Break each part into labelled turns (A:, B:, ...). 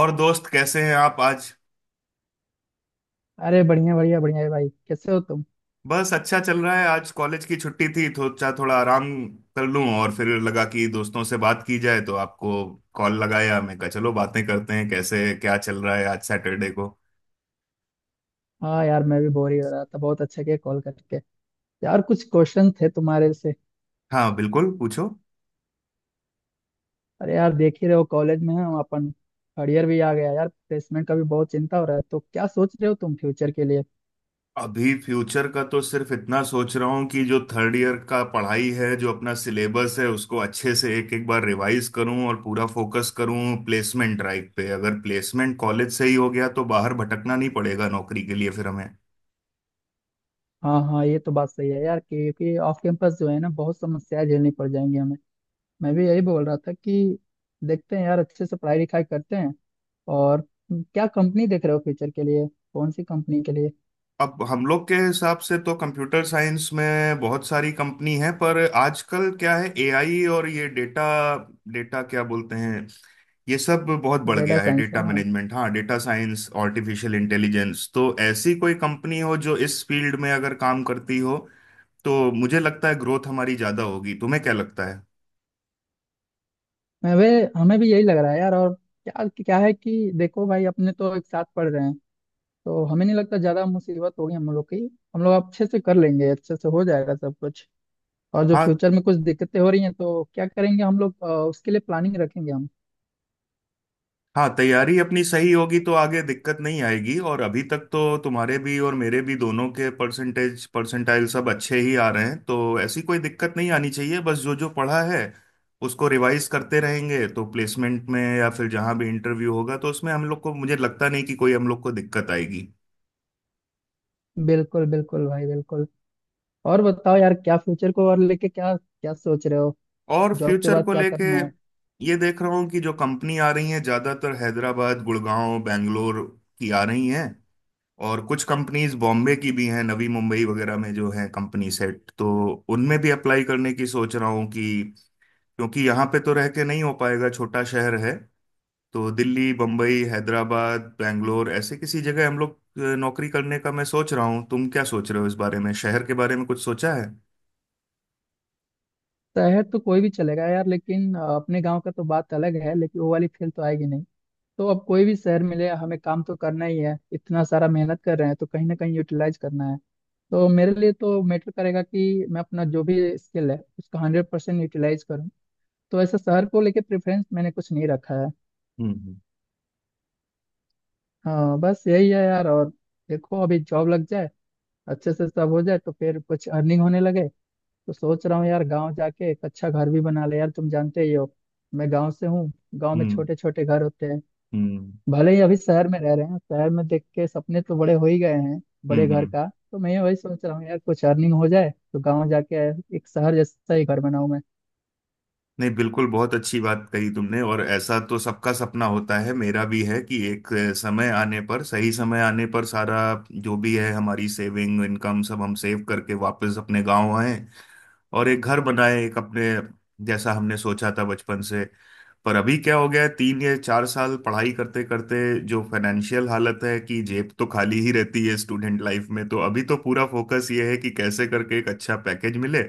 A: और दोस्त, कैसे हैं आप आज?
B: अरे बढ़िया बढ़िया बढ़िया है भाई। कैसे हो तुम?
A: बस अच्छा चल रहा है। आज कॉलेज की छुट्टी थी तो सोचा थोड़ा आराम कर लूं, और फिर लगा कि दोस्तों से बात की जाए, तो आपको कॉल लगाया। मैं कहा चलो बातें करते हैं, कैसे क्या चल रहा है आज सैटरडे को।
B: हाँ यार, मैं भी बोर ही हो रहा था। बहुत अच्छा किया कॉल करके। यार कुछ क्वेश्चन थे तुम्हारे से।
A: हाँ बिल्कुल, पूछो।
B: अरे यार, देख ही रहे हो कॉलेज में है हम, अपन। थर्ड ईयर भी आ गया यार, प्लेसमेंट का भी बहुत चिंता हो रहा है। तो क्या सोच रहे हो तुम फ्यूचर के लिए?
A: अभी फ्यूचर का तो सिर्फ इतना सोच रहा हूँ कि जो थर्ड ईयर का पढ़ाई है, जो अपना सिलेबस है, उसको अच्छे से एक एक बार रिवाइज करूँ और पूरा फोकस करूँ प्लेसमेंट ड्राइव पे। अगर प्लेसमेंट कॉलेज से ही हो गया तो बाहर भटकना नहीं पड़ेगा नौकरी के लिए फिर हमें।
B: हाँ हाँ, ये तो बात सही है यार, क्योंकि ऑफ कैंपस जो है ना बहुत समस्याएं झेलनी पड़ जाएंगी हमें। मैं भी यही बोल रहा था कि देखते हैं यार, अच्छे से पढ़ाई लिखाई करते हैं। और क्या कंपनी देख रहे हो फ्यूचर के लिए? कौन सी कंपनी के लिए?
A: अब हम लोग के हिसाब से तो कंप्यूटर साइंस में बहुत सारी कंपनी है, पर आजकल क्या है, एआई और ये डेटा डेटा क्या बोलते हैं, ये सब बहुत बढ़
B: डेटा
A: गया है।
B: साइंस,
A: डेटा
B: हाँ हाँ।
A: मैनेजमेंट, हाँ, डेटा साइंस, आर्टिफिशियल इंटेलिजेंस, तो ऐसी कोई कंपनी हो जो इस फील्ड में अगर काम करती हो तो मुझे लगता है ग्रोथ हमारी ज्यादा होगी। तुम्हें क्या लगता है?
B: मैं वे हमें भी यही लग रहा है यार। और क्या क्या है कि देखो भाई, अपने तो एक साथ पढ़ रहे हैं, तो हमें नहीं लगता ज्यादा मुसीबत होगी हम लोग की। हम लोग अच्छे से कर लेंगे, अच्छे से हो जाएगा सब कुछ। और जो
A: हाँ
B: फ्यूचर में कुछ दिक्कतें हो रही हैं तो क्या करेंगे हम लोग, उसके लिए प्लानिंग रखेंगे हम।
A: हाँ, तैयारी अपनी सही होगी तो आगे दिक्कत नहीं आएगी। और अभी तक तो तुम्हारे भी और मेरे भी दोनों के परसेंटेज परसेंटाइल सब अच्छे ही आ रहे हैं, तो ऐसी कोई दिक्कत नहीं आनी चाहिए। बस जो जो पढ़ा है उसको रिवाइज करते रहेंगे तो प्लेसमेंट में या फिर जहाँ भी इंटरव्यू होगा, तो उसमें हम लोग को, मुझे लगता नहीं कि कोई हम लोग को दिक्कत आएगी।
B: बिल्कुल बिल्कुल भाई, बिल्कुल। और बताओ यार, क्या फ्यूचर को और लेके क्या क्या सोच रहे हो?
A: और
B: जॉब के
A: फ्यूचर
B: बाद
A: को
B: क्या
A: लेके
B: करना है?
A: ये देख रहा हूँ कि जो कंपनी आ रही है, ज़्यादातर हैदराबाद, गुड़गांव, बेंगलोर की आ रही हैं। और कुछ कंपनीज बॉम्बे की भी हैं, नवी मुंबई वगैरह में जो हैं कंपनी सेट, तो उनमें भी अप्लाई करने की सोच रहा हूँ। कि क्योंकि यहाँ पे तो रह के नहीं हो पाएगा, छोटा शहर है। तो दिल्ली, बम्बई, हैदराबाद, बैंगलोर, ऐसे किसी जगह हम लोग नौकरी करने का मैं सोच रहा हूँ। तुम क्या सोच रहे हो इस बारे में? शहर के बारे में कुछ सोचा है?
B: शहर तो कोई भी चलेगा यार, लेकिन अपने गाँव का तो बात अलग है, लेकिन वो वाली फील तो आएगी नहीं। तो अब कोई भी शहर मिले, हमें काम तो करना ही है। इतना सारा मेहनत कर रहे हैं तो कहीं ना कहीं यूटिलाइज करना है। तो मेरे लिए तो मैटर करेगा कि मैं अपना जो भी स्किल है उसका हंड्रेड परसेंट यूटिलाइज करूँ। तो ऐसा शहर को लेके प्रेफरेंस मैंने कुछ नहीं रखा है।
A: हम्म।
B: हाँ बस यही है यार। और देखो, अभी जॉब लग जाए, अच्छे से सब हो जाए, तो फिर कुछ अर्निंग होने लगे। तो सोच रहा हूँ यार, गाँव जाके एक अच्छा घर भी बना ले। यार तुम जानते ही हो, मैं गाँव से हूँ। गाँव में
A: हम्म।
B: छोटे छोटे घर होते हैं।
A: हम्म।
B: भले ही अभी शहर में रह रहे हैं, शहर में देख के सपने तो बड़े हो ही गए हैं, बड़े
A: हम्म।
B: घर
A: हम्म।
B: का। तो मैं वही सोच रहा हूँ यार, कुछ अर्निंग हो जाए तो गांव जाके एक शहर जैसा ही घर बनाऊं मैं।
A: नहीं बिल्कुल, बहुत अच्छी बात कही तुमने। और ऐसा तो सबका सपना होता है, मेरा भी है कि एक समय आने पर, सही समय आने पर, सारा जो भी है हमारी सेविंग, इनकम, सब हम सेव करके वापस अपने गांव आए, और एक घर बनाए एक अपने, जैसा हमने सोचा था बचपन से। पर अभी क्या हो गया है, 3 या 4 साल पढ़ाई करते करते जो फाइनेंशियल हालत है कि जेब तो खाली ही रहती है स्टूडेंट लाइफ में, तो अभी तो पूरा फोकस ये है कि कैसे करके एक अच्छा पैकेज मिले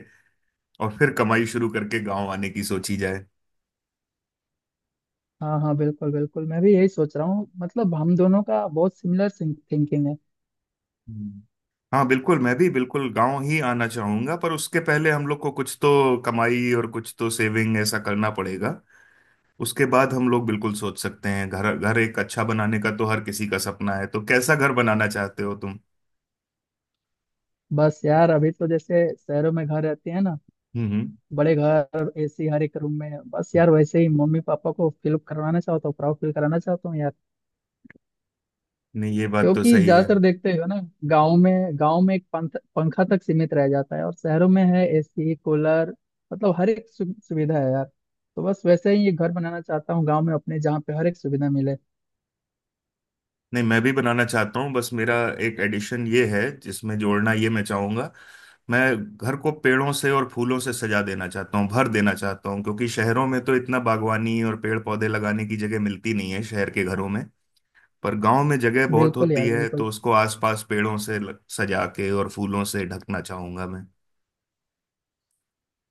A: और फिर कमाई शुरू करके गांव आने की सोची जाए।
B: हाँ हाँ बिल्कुल बिल्कुल, मैं भी यही सोच रहा हूँ। मतलब हम दोनों का बहुत सिमिलर थिंकिंग है।
A: हम्म। हाँ बिल्कुल, मैं भी बिल्कुल गांव ही आना चाहूंगा। पर उसके पहले हम लोग को कुछ तो कमाई और कुछ तो सेविंग ऐसा करना पड़ेगा। उसके बाद हम लोग बिल्कुल सोच सकते हैं। घर घर एक अच्छा बनाने का तो हर किसी का सपना है। तो कैसा घर बनाना चाहते हो तुम?
B: बस यार, अभी तो जैसे शहरों में घर रहते हैं ना,
A: हम्म। हम्म।
B: बड़े घर, एसी हर एक रूम में, बस यार वैसे ही मम्मी पापा को फील करवाना चाहता हूँ। प्राउड फील कराना चाहता हूँ यार।
A: नहीं, ये बात तो
B: क्योंकि
A: सही है।
B: ज्यादातर देखते हो ना, गांव में, गांव में एक पंखा तक सीमित रह जाता है, और शहरों में है एसी कूलर। मतलब हर एक सुविधा है यार। तो बस वैसे ही ये घर बनाना चाहता हूँ गांव में अपने, जहाँ पे हर एक सुविधा मिले।
A: नहीं, मैं भी बनाना चाहता हूँ, बस मेरा एक एडिशन ये है जिसमें जोड़ना ये मैं चाहूंगा। मैं घर को पेड़ों से और फूलों से सजा देना चाहता हूँ, भर देना चाहता हूँ, क्योंकि शहरों में तो इतना बागवानी और पेड़ पौधे लगाने की जगह मिलती नहीं है शहर के घरों में। पर गांव में जगह बहुत
B: बिल्कुल
A: होती
B: यार
A: है,
B: बिल्कुल।
A: तो उसको आसपास पेड़ों से सजा के और फूलों से ढकना चाहूंगा मैं।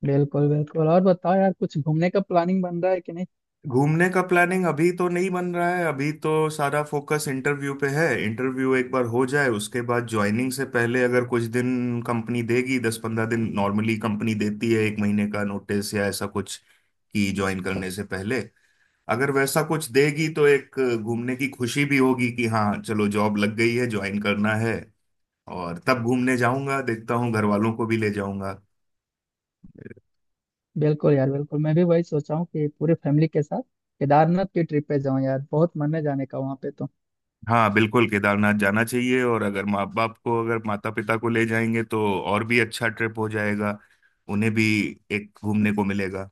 B: बिल्कुल बिल्कुल। और बताओ यार, कुछ घूमने का प्लानिंग बन रहा है कि नहीं?
A: घूमने का प्लानिंग अभी तो नहीं बन रहा है। अभी तो सारा फोकस इंटरव्यू पे है। इंटरव्यू एक बार हो जाए, उसके बाद ज्वाइनिंग से पहले अगर कुछ दिन कंपनी देगी, 10-15 दिन नॉर्मली कंपनी देती है, एक महीने का नोटिस या ऐसा कुछ, कि ज्वाइन करने से पहले अगर वैसा कुछ देगी तो एक घूमने की खुशी भी होगी कि हाँ चलो जॉब लग गई है, ज्वाइन करना है। और तब घूमने जाऊंगा, देखता हूँ घर वालों को भी ले जाऊंगा।
B: बिल्कुल यार बिल्कुल, मैं भी वही सोचा हूँ कि पूरे फैमिली के साथ केदारनाथ की ट्रिप पे जाऊँ यार। बहुत मन है जाने का वहाँ पे तो।
A: हाँ बिल्कुल, केदारनाथ जाना चाहिए। और अगर माता पिता को ले जाएंगे तो और भी अच्छा ट्रिप हो जाएगा, उन्हें भी एक घूमने को मिलेगा।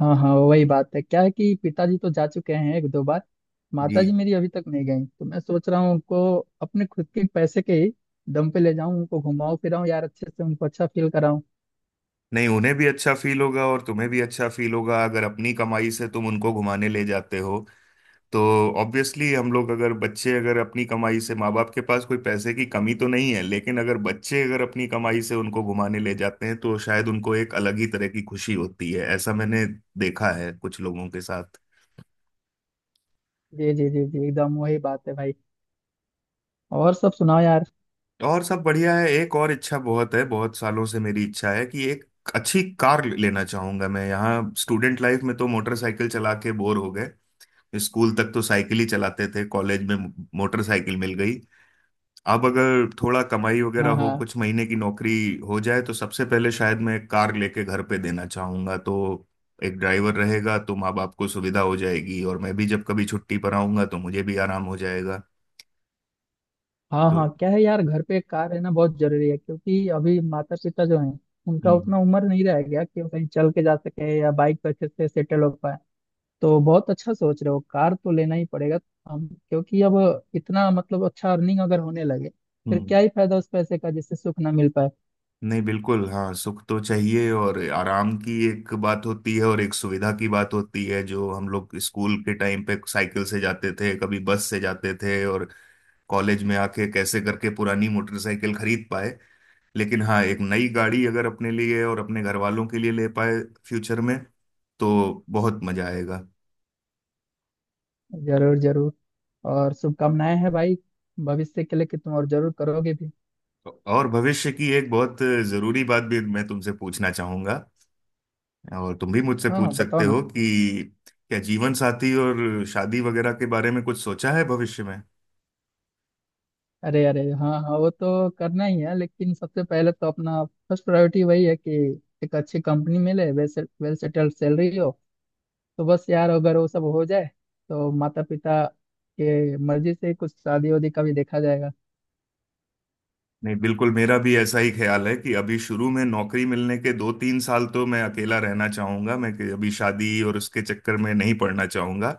B: हाँ हाँ, वही बात है। क्या है कि पिताजी तो जा चुके हैं एक दो बार, माताजी
A: जी।
B: मेरी अभी तक नहीं गई, तो मैं सोच रहा हूँ उनको अपने खुद के पैसे के ही दम पे ले जाऊँ। उनको घुमाऊं फिराऊं यार, अच्छे से उनको अच्छा फील कराऊं।
A: नहीं, उन्हें भी अच्छा फील होगा और तुम्हें भी अच्छा फील होगा अगर अपनी कमाई से तुम उनको घुमाने ले जाते हो। तो ऑब्वियसली हम लोग अगर बच्चे अगर अपनी कमाई से, माँ बाप के पास कोई पैसे की कमी तो नहीं है लेकिन अगर बच्चे अगर अपनी कमाई से उनको घुमाने ले जाते हैं तो शायद उनको एक अलग ही तरह की खुशी होती है, ऐसा मैंने देखा है कुछ लोगों के साथ।
B: जी जी जी जी, एकदम वही बात है भाई। और सब सुनाओ यार।
A: और सब बढ़िया है। एक और इच्छा बहुत है, बहुत सालों से मेरी इच्छा है कि एक अच्छी कार लेना चाहूंगा मैं। यहाँ स्टूडेंट लाइफ में तो मोटरसाइकिल चला के बोर हो गए। स्कूल तक तो साइकिल ही चलाते थे, कॉलेज में मोटरसाइकिल मिल गई। अब अगर थोड़ा कमाई वगैरह
B: हाँ हाँ
A: हो, कुछ महीने की नौकरी हो जाए तो सबसे पहले शायद मैं एक कार लेके घर पे देना चाहूंगा, तो एक ड्राइवर रहेगा तो माँ बाप को सुविधा हो जाएगी और मैं भी जब कभी छुट्टी पर आऊंगा तो मुझे भी आराम हो जाएगा,
B: हाँ
A: तो।
B: हाँ, क्या है यार, घर पे एक कार रहना बहुत जरूरी है। क्योंकि अभी माता पिता जो हैं, उनका
A: हम्म।
B: उतना उम्र नहीं रह गया कि वो कहीं चल के जा सके या बाइक पर अच्छे से सेटल हो पाए। तो बहुत अच्छा सोच रहे हो, कार तो लेना ही पड़ेगा हम। क्योंकि अब इतना, मतलब अच्छा अर्निंग अगर होने लगे, फिर
A: हम्म।
B: क्या ही फायदा उस पैसे का जिससे सुख ना मिल पाए।
A: नहीं बिल्कुल, हाँ, सुख तो चाहिए। और आराम की एक बात होती है और एक सुविधा की बात होती है। जो हम लोग स्कूल के टाइम पे साइकिल से जाते थे, कभी बस से जाते थे, और कॉलेज में आके कैसे करके पुरानी मोटरसाइकिल खरीद पाए, लेकिन हाँ एक नई गाड़ी अगर अपने लिए और अपने घर वालों के लिए ले पाए फ्यूचर में, तो बहुत मजा आएगा।
B: जरूर जरूर। और शुभकामनाएं हैं भाई, भविष्य के लिए कि तुम और जरूर करोगे भी।
A: और भविष्य की एक बहुत जरूरी बात भी मैं तुमसे पूछना चाहूंगा, और तुम भी मुझसे
B: हाँ हाँ
A: पूछ सकते
B: बताओ ना।
A: हो कि क्या जीवन साथी और शादी वगैरह के बारे में कुछ सोचा है भविष्य में?
B: अरे अरे, हाँ हाँ, वो तो करना ही है, लेकिन सबसे पहले तो अपना फर्स्ट प्रायोरिटी वही है कि एक अच्छी कंपनी मिले, वेल वेल सेटल्ड सैलरी हो। तो बस यार, अगर वो सब हो जाए, तो माता पिता के मर्जी से कुछ शादी वादी का भी देखा जाएगा।
A: नहीं बिल्कुल, मेरा भी ऐसा ही ख्याल है कि अभी शुरू में नौकरी मिलने के 2-3 साल तो मैं अकेला रहना चाहूंगा मैं, कि अभी शादी और उसके चक्कर में नहीं पड़ना चाहूंगा।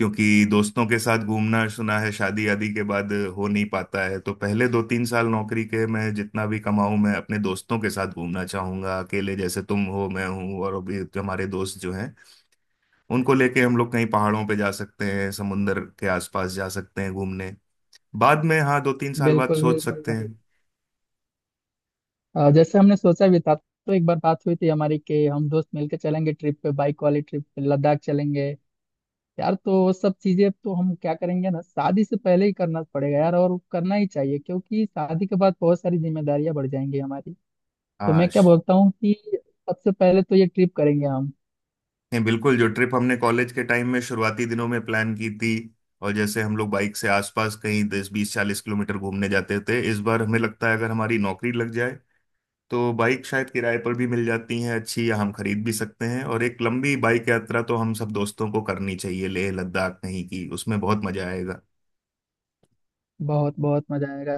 A: क्योंकि दोस्तों के साथ घूमना सुना है शादी आदि के बाद हो नहीं पाता है। तो पहले 2-3 साल नौकरी के मैं जितना भी कमाऊं, मैं अपने दोस्तों के साथ घूमना चाहूंगा। अकेले जैसे तुम हो, मैं हूं और अभी हमारे दोस्त जो हैं, उनको लेके हम लोग कहीं पहाड़ों पे जा सकते हैं, समुंदर के आसपास जा सकते हैं घूमने। बाद में, हाँ 2-3 साल बाद
B: बिल्कुल
A: सोच
B: बिल्कुल
A: सकते
B: भाई।
A: हैं।
B: जैसे हमने सोचा भी था, तो एक बार बात हुई थी हमारी कि हम दोस्त मिलके चलेंगे ट्रिप पे, बाइक वाली ट्रिप पे, लद्दाख चलेंगे यार। तो वो सब चीजें तो हम क्या करेंगे ना, शादी से पहले ही करना पड़ेगा यार। और करना ही चाहिए, क्योंकि शादी के बाद बहुत सारी जिम्मेदारियां बढ़ जाएंगी हमारी। तो मैं
A: हाँ
B: क्या बोलता हूँ कि सबसे पहले तो ये ट्रिप करेंगे हम।
A: नहीं बिल्कुल, जो ट्रिप हमने कॉलेज के टाइम में शुरुआती दिनों में प्लान की थी, और जैसे हम लोग बाइक से आसपास कहीं 10, 20, 40 किलोमीटर घूमने जाते थे, इस बार हमें लगता है अगर हमारी नौकरी लग जाए तो बाइक शायद किराए पर भी मिल जाती है अच्छी, या हम खरीद भी सकते हैं, और एक लंबी बाइक यात्रा तो हम सब दोस्तों को करनी चाहिए, लेह लद्दाख कहीं की, उसमें बहुत मजा आएगा।
B: बहुत बहुत मजा आएगा।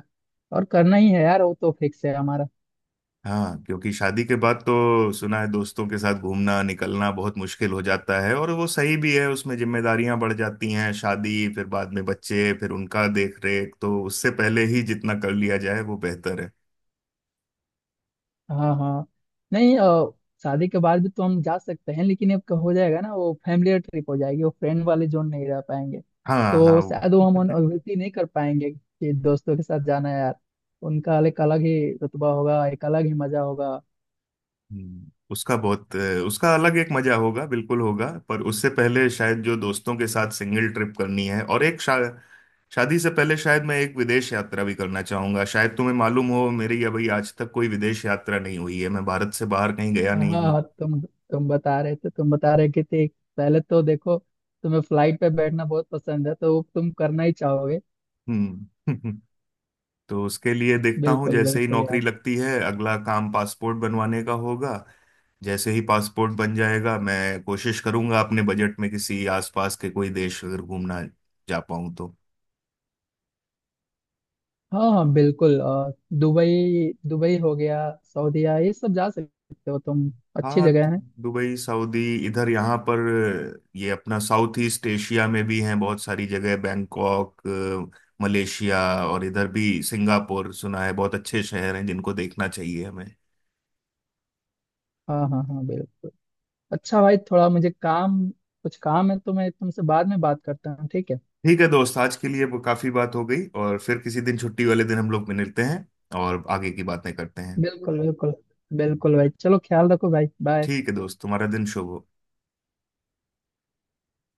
B: और करना ही है यार, वो तो फिक्स है हमारा।
A: हाँ क्योंकि शादी के बाद तो सुना है दोस्तों के साथ घूमना निकलना बहुत मुश्किल हो जाता है, और वो सही भी है। उसमें जिम्मेदारियां बढ़ जाती हैं, शादी, फिर बाद में बच्चे, फिर उनका देख रेख, तो उससे पहले ही जितना कर लिया जाए वो बेहतर है।
B: हाँ हाँ। नहीं, शादी के बाद भी तो हम जा सकते हैं, लेकिन अब हो जाएगा ना वो फैमिली ट्रिप हो जाएगी, वो फ्रेंड वाले जोन नहीं रह पाएंगे।
A: हाँ हाँ,
B: तो
A: वो
B: शायद वो हम अनुभूति नहीं कर पाएंगे कि दोस्तों के साथ जाना है यार। उनका एक अलग ही रुतबा होगा, एक अलग ही मजा होगा।
A: हम्म, उसका बहुत अ, उसका अलग एक मजा होगा, बिल्कुल होगा। पर उससे पहले शायद जो दोस्तों के साथ सिंगल ट्रिप करनी है, और एक शादी से पहले शायद मैं एक विदेश यात्रा भी करना चाहूंगा। शायद तुम्हें मालूम हो, मेरी अभी आज तक कोई विदेश यात्रा नहीं हुई है, मैं भारत से बाहर कहीं गया
B: हाँ
A: नहीं हूँ।
B: हाँ, तुम बता रहे थे, तुम बता रहे कि थे। पहले तो देखो, तुम्हें फ्लाइट पे बैठना बहुत पसंद है, तो वो तुम करना ही चाहोगे।
A: हम्म। तो उसके लिए देखता हूँ,
B: बिल्कुल
A: जैसे ही
B: बिल्कुल
A: नौकरी
B: यार।
A: लगती है अगला काम पासपोर्ट बनवाने का होगा। जैसे ही पासपोर्ट बन जाएगा, मैं कोशिश करूंगा अपने बजट में किसी आसपास के कोई देश अगर घूमना जा पाऊं तो।
B: हाँ हाँ बिल्कुल। दुबई, दुबई हो गया, सऊदीया, ये सब जा सकते हो तुम। अच्छी
A: हाँ
B: जगह है।
A: दुबई, सऊदी, इधर। यहाँ पर ये अपना साउथ ईस्ट एशिया में भी हैं बहुत सारी जगह, बैंकॉक, मलेशिया, और इधर भी सिंगापुर, सुना है बहुत अच्छे शहर हैं जिनको देखना चाहिए हमें।
B: हाँ हाँ हाँ बिल्कुल। अच्छा भाई, थोड़ा मुझे काम, कुछ काम है, तो मैं तुमसे बाद में बात करता हूँ, ठीक है?
A: ठीक है दोस्त, आज के लिए वो काफी बात हो गई। और फिर किसी दिन, छुट्टी वाले दिन हम लोग मिलते हैं और आगे की बातें करते हैं।
B: बिल्कुल बिल्कुल। बिल्कुल भाई, चलो ख्याल रखो भाई, बाय।
A: ठीक है दोस्त, तुम्हारा दिन शुभ हो।